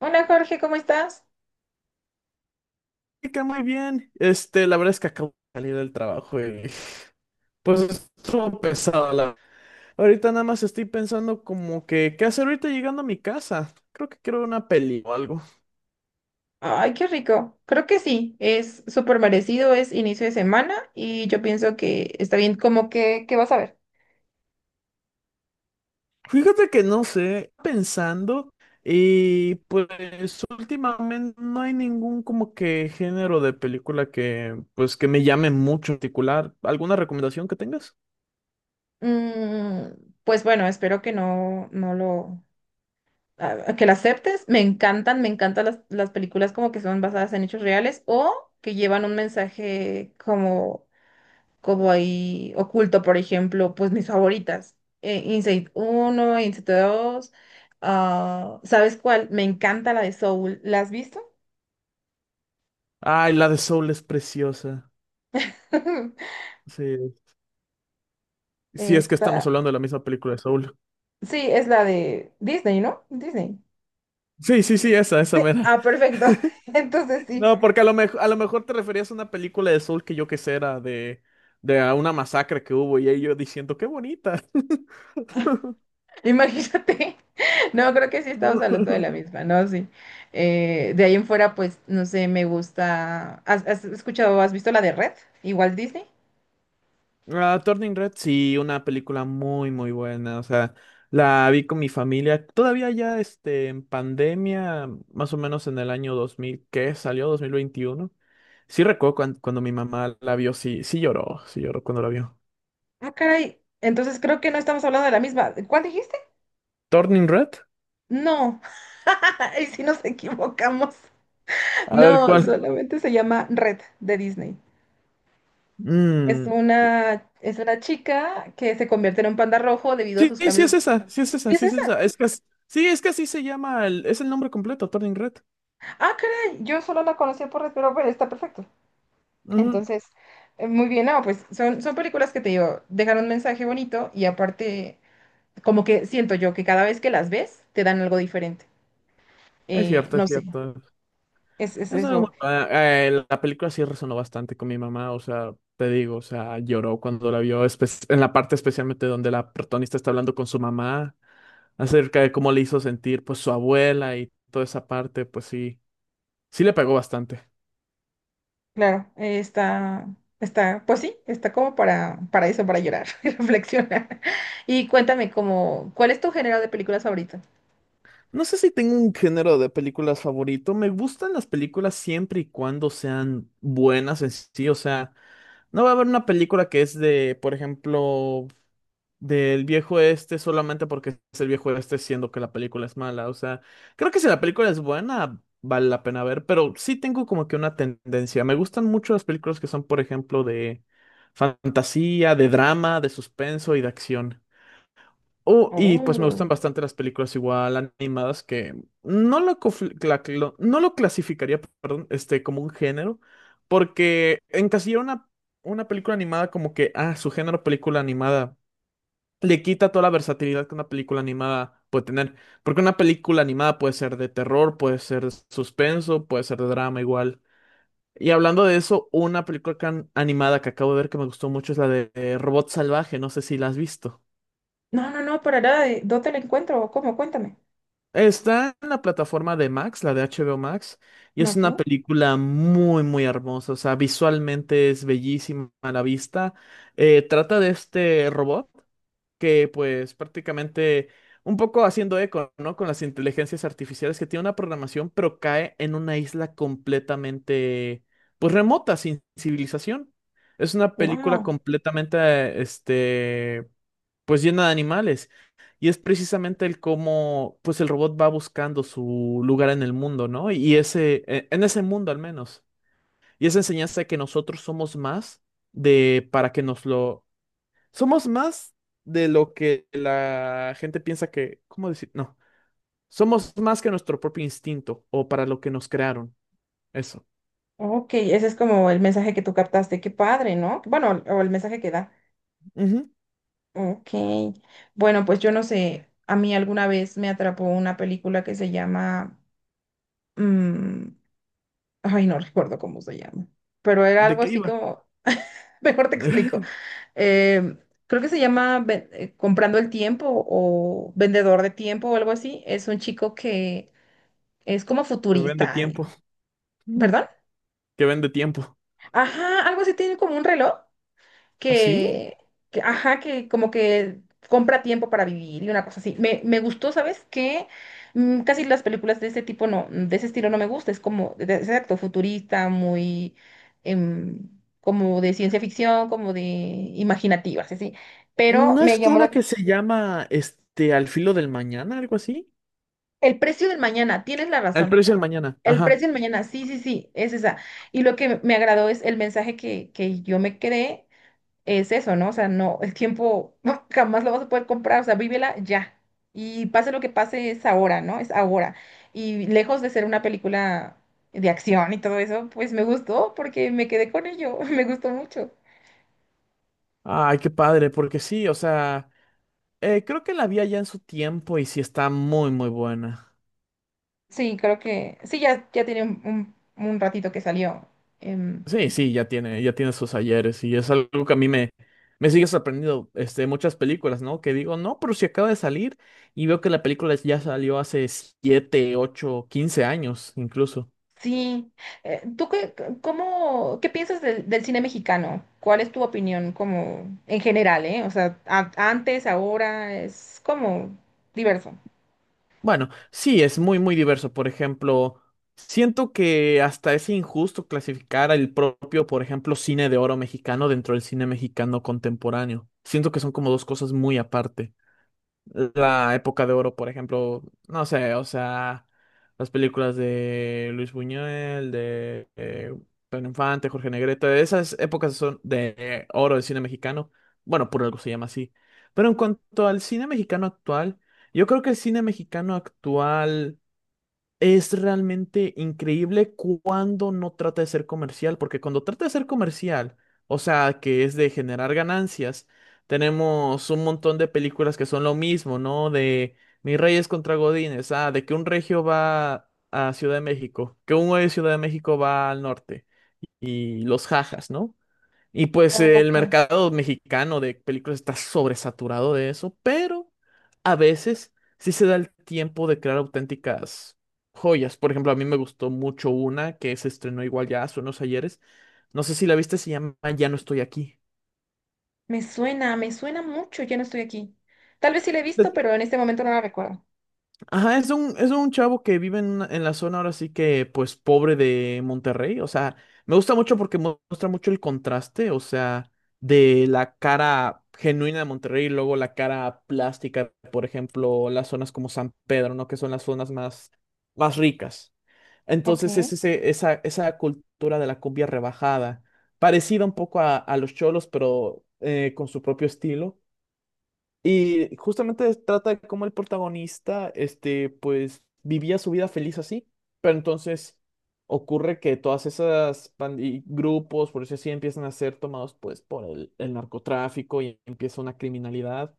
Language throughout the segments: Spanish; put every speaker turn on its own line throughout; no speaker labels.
Hola Jorge, ¿cómo estás?
Chica, muy bien. La verdad es que acabo de salir del trabajo y pues estuvo pesado. La... Ahorita nada más estoy pensando como que, ¿qué hacer ahorita llegando a mi casa? Creo que quiero ver una peli o algo.
Ay, qué rico. Creo que sí, es súper merecido, es inicio de semana y yo pienso que está bien. ¿Cómo que qué vas a ver?
Fíjate que no sé, pensando y pues últimamente no hay ningún como que género de película que pues que me llame mucho en particular. ¿Alguna recomendación que tengas?
Mm, pues bueno, espero que no, no lo, a- que la aceptes. Me encantan las películas como que son basadas en hechos reales o que llevan un mensaje como ahí oculto, por ejemplo, pues mis favoritas, Inside 1 Inside 2. Ah, ¿sabes cuál? Me encanta la de Soul, ¿la has visto?
Ay, la de Soul es preciosa. Sí, sí es que
Esta,
estamos hablando de la misma película de Soul.
sí, es la de Disney, ¿no? Disney.
Sí, sí, sí, esa mera.
Ah, perfecto. Entonces sí,
No, porque a lo mejor te referías a una película de Soul que yo que sé era de a una masacre que hubo y ellos diciendo, qué bonita.
imagínate. No, creo que sí estamos hablando de la
No.
misma, ¿no? Sí. De ahí en fuera, pues, no sé, me gusta. ¿Has visto la de Red? Igual Disney.
Ah, Turning Red, sí, una película muy, muy buena. O sea, la vi con mi familia. Todavía, en pandemia, más o menos en el año dos mil, ¿qué salió? Dos mil veintiuno. Sí recuerdo cuando mi mamá la vio, sí, sí lloró cuando la vio.
Ah, caray. Entonces creo que no estamos hablando de la misma. ¿Cuál dijiste?
Turning Red,
No, y si nos equivocamos.
a ver
No,
cuál.
solamente se llama Red de Disney. Es
Mm.
una, es una chica que se convierte en un panda rojo debido a
Sí,
sus
sí
cambios.
es esa, sí es esa,
¿Sí es
sí es
esa?
esa. Es que, sí, es que así se llama, el, es el nombre completo, Turning Red.
Ah, caray, yo solo la conocía por Red, pero bueno, está perfecto.
Ujú.
Entonces, muy bien, no, pues son películas que te digo, dejan un mensaje bonito y aparte, como que siento yo que cada vez que las ves, te dan algo diferente.
Es cierto,
No
es
sé,
cierto.
es
Es algo
eso.
la película sí resonó bastante con mi mamá, o sea, te digo, o sea, lloró cuando la vio, en la parte especialmente donde la protagonista está hablando con su mamá acerca de cómo le hizo sentir, pues, su abuela y toda esa parte, pues sí, sí le pegó bastante.
Claro, está, pues sí, está como para eso, para llorar y reflexionar. Y cuéntame, como, ¿cuál es tu género de películas favorito?
No sé si tengo un género de películas favorito. Me gustan las películas siempre y cuando sean buenas en sí. O sea, no va a haber una película que es de, por ejemplo, del viejo este solamente porque es el viejo este siendo que la película es mala. O sea, creo que si la película es buena, vale la pena ver. Pero sí tengo como que una tendencia. Me gustan mucho las películas que son, por ejemplo, de fantasía, de drama, de suspenso y de acción. Oh, y pues me
Oh.
gustan bastante las películas igual animadas que no lo, no lo clasificaría, perdón, este, como un género, porque encasillar una película animada como que, ah, su género película animada, le quita toda la versatilidad que una película animada puede tener, porque una película animada puede ser de terror, puede ser de suspenso, puede ser de drama igual. Y hablando de eso, una película animada que acabo de ver que me gustó mucho es la de Robot Salvaje, no sé si la has visto.
No, no, no, para nada, ¿dónde lo encuentro? ¿Cómo? Cuéntame.
Está en la plataforma de Max, la de HBO Max, y es
Ok,
una película muy, muy hermosa. O sea, visualmente es bellísima a la vista. Trata de este robot que, pues, prácticamente un poco haciendo eco, ¿no? Con las inteligencias artificiales que tiene una programación, pero cae en una isla completamente, pues, remota, sin civilización. Es una película
wow,
completamente, este, pues llena de animales. Y es precisamente el cómo, pues el robot va buscando su lugar en el mundo, ¿no? Y ese, en ese mundo al menos. Y esa enseñanza de que nosotros somos más de, para que nos lo, somos más de lo que la gente piensa que, ¿cómo decir? No, somos más que nuestro propio instinto o para lo que nos crearon. Eso.
ok, ese es como el mensaje que tú captaste, qué padre, ¿no? Bueno, o el mensaje que da.
Ujú.
Ok, bueno, pues yo no sé, a mí alguna vez me atrapó una película que mm, ay, no recuerdo cómo se llama, pero era
¿De
algo
qué
así
iba?
como… Mejor te explico. Eh, creo que se llama Comprando el Tiempo o Vendedor de Tiempo o algo así. Es un chico que es como
Que vende
futurista.
tiempo.
¿Perdón?
Que vende tiempo.
Ajá, algo así, tiene como un reloj
¿Así?
que, ajá, que como que compra tiempo para vivir y una cosa así. Me gustó, ¿sabes? Casi las películas de ese tipo no, de ese estilo no me gusta. Es como, exacto, futurista, muy em, como de ciencia ficción, como de imaginativas, así. Pero
¿No
me
es
llamó
una
la…
que se llama este Al filo del mañana, algo así?
El precio del mañana, tienes la
El
razón.
precio del mañana,
El
ajá.
precio del mañana, sí, sí, sí, es esa. Y lo que me agradó es el mensaje que yo me quedé es eso, ¿no? O sea, no, el tiempo jamás lo vas a poder comprar, o sea, vívela ya. Y pase lo que pase, es ahora, ¿no? Es ahora. Y lejos de ser una película de acción y todo eso, pues me gustó porque me quedé con ello, me gustó mucho.
Ay, qué padre, porque sí, o sea, creo que la vi allá en su tiempo y sí está muy, muy buena.
Sí, creo que, sí, ya tiene un ratito que salió. Em,
Sí, sí, ya tiene sus ayeres y es algo que a mí me, me sigue sorprendiendo, este, muchas películas, ¿no? Que digo, no, pero si acaba de salir y veo que la película ya salió hace 7, 8, 15 años incluso.
sí. ¿Tú qué, cómo, qué piensas del cine mexicano? ¿Cuál es tu opinión como en general, eh? O sea, antes, ahora, es como diverso.
Bueno, sí, es muy, muy diverso. Por ejemplo, siento que hasta es injusto clasificar al propio, por ejemplo, cine de oro mexicano dentro del cine mexicano contemporáneo. Siento que son como dos cosas muy aparte la época de oro, por ejemplo, no sé, o sea, las películas de Luis Buñuel, de Pedro Infante, Jorge Negrete, esas épocas son de oro del cine mexicano, bueno, por algo se llama así. Pero en cuanto al cine mexicano actual, yo creo que el cine mexicano actual es realmente increíble cuando no trata de ser comercial, porque cuando trata de ser comercial, o sea, que es de generar ganancias, tenemos un montón de películas que son lo mismo, ¿no? De Mis Reyes contra Godines, ah, de que un regio va a Ciudad de México, que un güey de Ciudad de México va al norte, y los jajas, ¿no? Y pues el
Ok.
mercado mexicano de películas está sobresaturado de eso, pero a veces sí se da el tiempo de crear auténticas joyas. Por ejemplo, a mí me gustó mucho una que se estrenó igual ya hace unos ayeres. No sé si la viste, se llama Ya no estoy aquí.
Me suena mucho, ya no estoy aquí. Tal vez sí la he visto, pero en este momento no la recuerdo.
Ajá, es un chavo que vive en, en la zona ahora sí que, pues, pobre de Monterrey. O sea, me gusta mucho porque muestra mucho el contraste, o sea, de la cara genuina de Monterrey y luego la cara plástica, por ejemplo, las zonas como San Pedro, ¿no? Que son las zonas más, más ricas.
Ok.
Entonces es ese, esa cultura de la cumbia rebajada, parecida un poco a los cholos, pero con su propio estilo. Y justamente trata de cómo el protagonista, este, pues vivía su vida feliz así, pero entonces ocurre que todas esas band y grupos, por eso así, empiezan a ser tomados pues por el narcotráfico y empieza una criminalidad.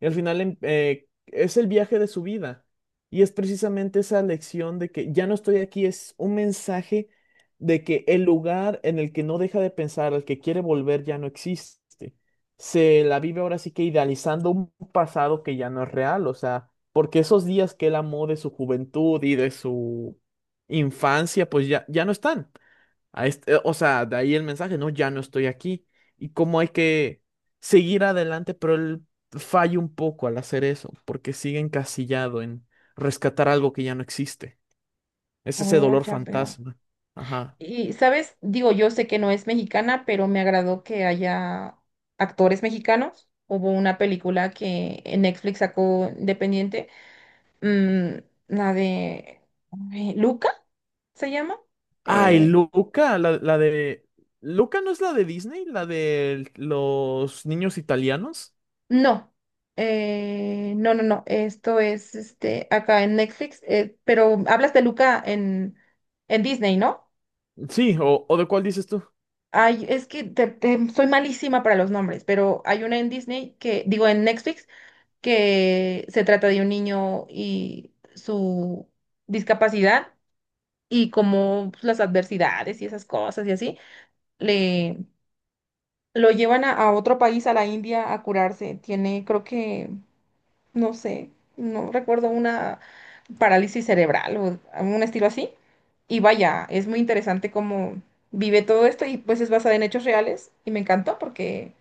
Y al final es el viaje de su vida y es precisamente esa lección de que ya no estoy aquí, es un mensaje de que el lugar en el que no deja de pensar, al que quiere volver, ya no existe. Se la vive ahora sí que idealizando un pasado que ya no es real, o sea, porque esos días que él amó de su juventud y de su infancia, pues ya, ya no están. O sea, de ahí el mensaje, no, ya no estoy aquí. Y cómo hay que seguir adelante, pero él falla un poco al hacer eso, porque sigue encasillado en rescatar algo que ya no existe. Es ese
Oh,
dolor
ya veo.
fantasma. Ajá.
Y, ¿sabes? Digo, yo sé que no es mexicana, pero me agradó que haya actores mexicanos. Hubo una película que en Netflix sacó independiente, mm, la de ay, Luca, ¿se llama?
Ay,
Eh,
Luca, la de... ¿Luca no es la de Disney? ¿La de los niños italianos?
No, no. Esto es este acá en Netflix, pero hablas de Luca en Disney, ¿no?
Sí, ¿o, o de cuál dices tú?
Ay, es que soy malísima para los nombres, pero hay una en Disney que, digo, en Netflix, que se trata de un niño y su discapacidad y como pues, las adversidades y esas cosas y así, le lo llevan a otro país, a la India, a curarse. Tiene, creo que no sé, no recuerdo, una parálisis cerebral o un estilo así. Y vaya, es muy interesante cómo vive todo esto y pues es basada en hechos reales y me encantó porque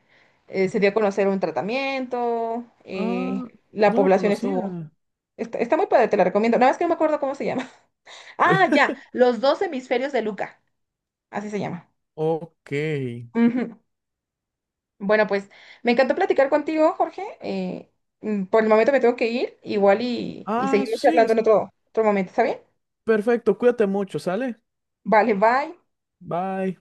se dio a conocer un tratamiento,
Ah,
la
no la
población estuvo…
conocía.
Está, está muy padre, te la recomiendo. Nada más que no me acuerdo cómo se llama. Ah, ya, Los dos hemisferios de Luca, así se llama.
Ok.
Ujú. Bueno, pues me encantó platicar contigo, Jorge. Por el momento me tengo que ir, igual y
Ah,
seguimos
sí,
charlando en otro momento, ¿está bien?
perfecto. Cuídate mucho, ¿sale?
Vale, bye.
Bye.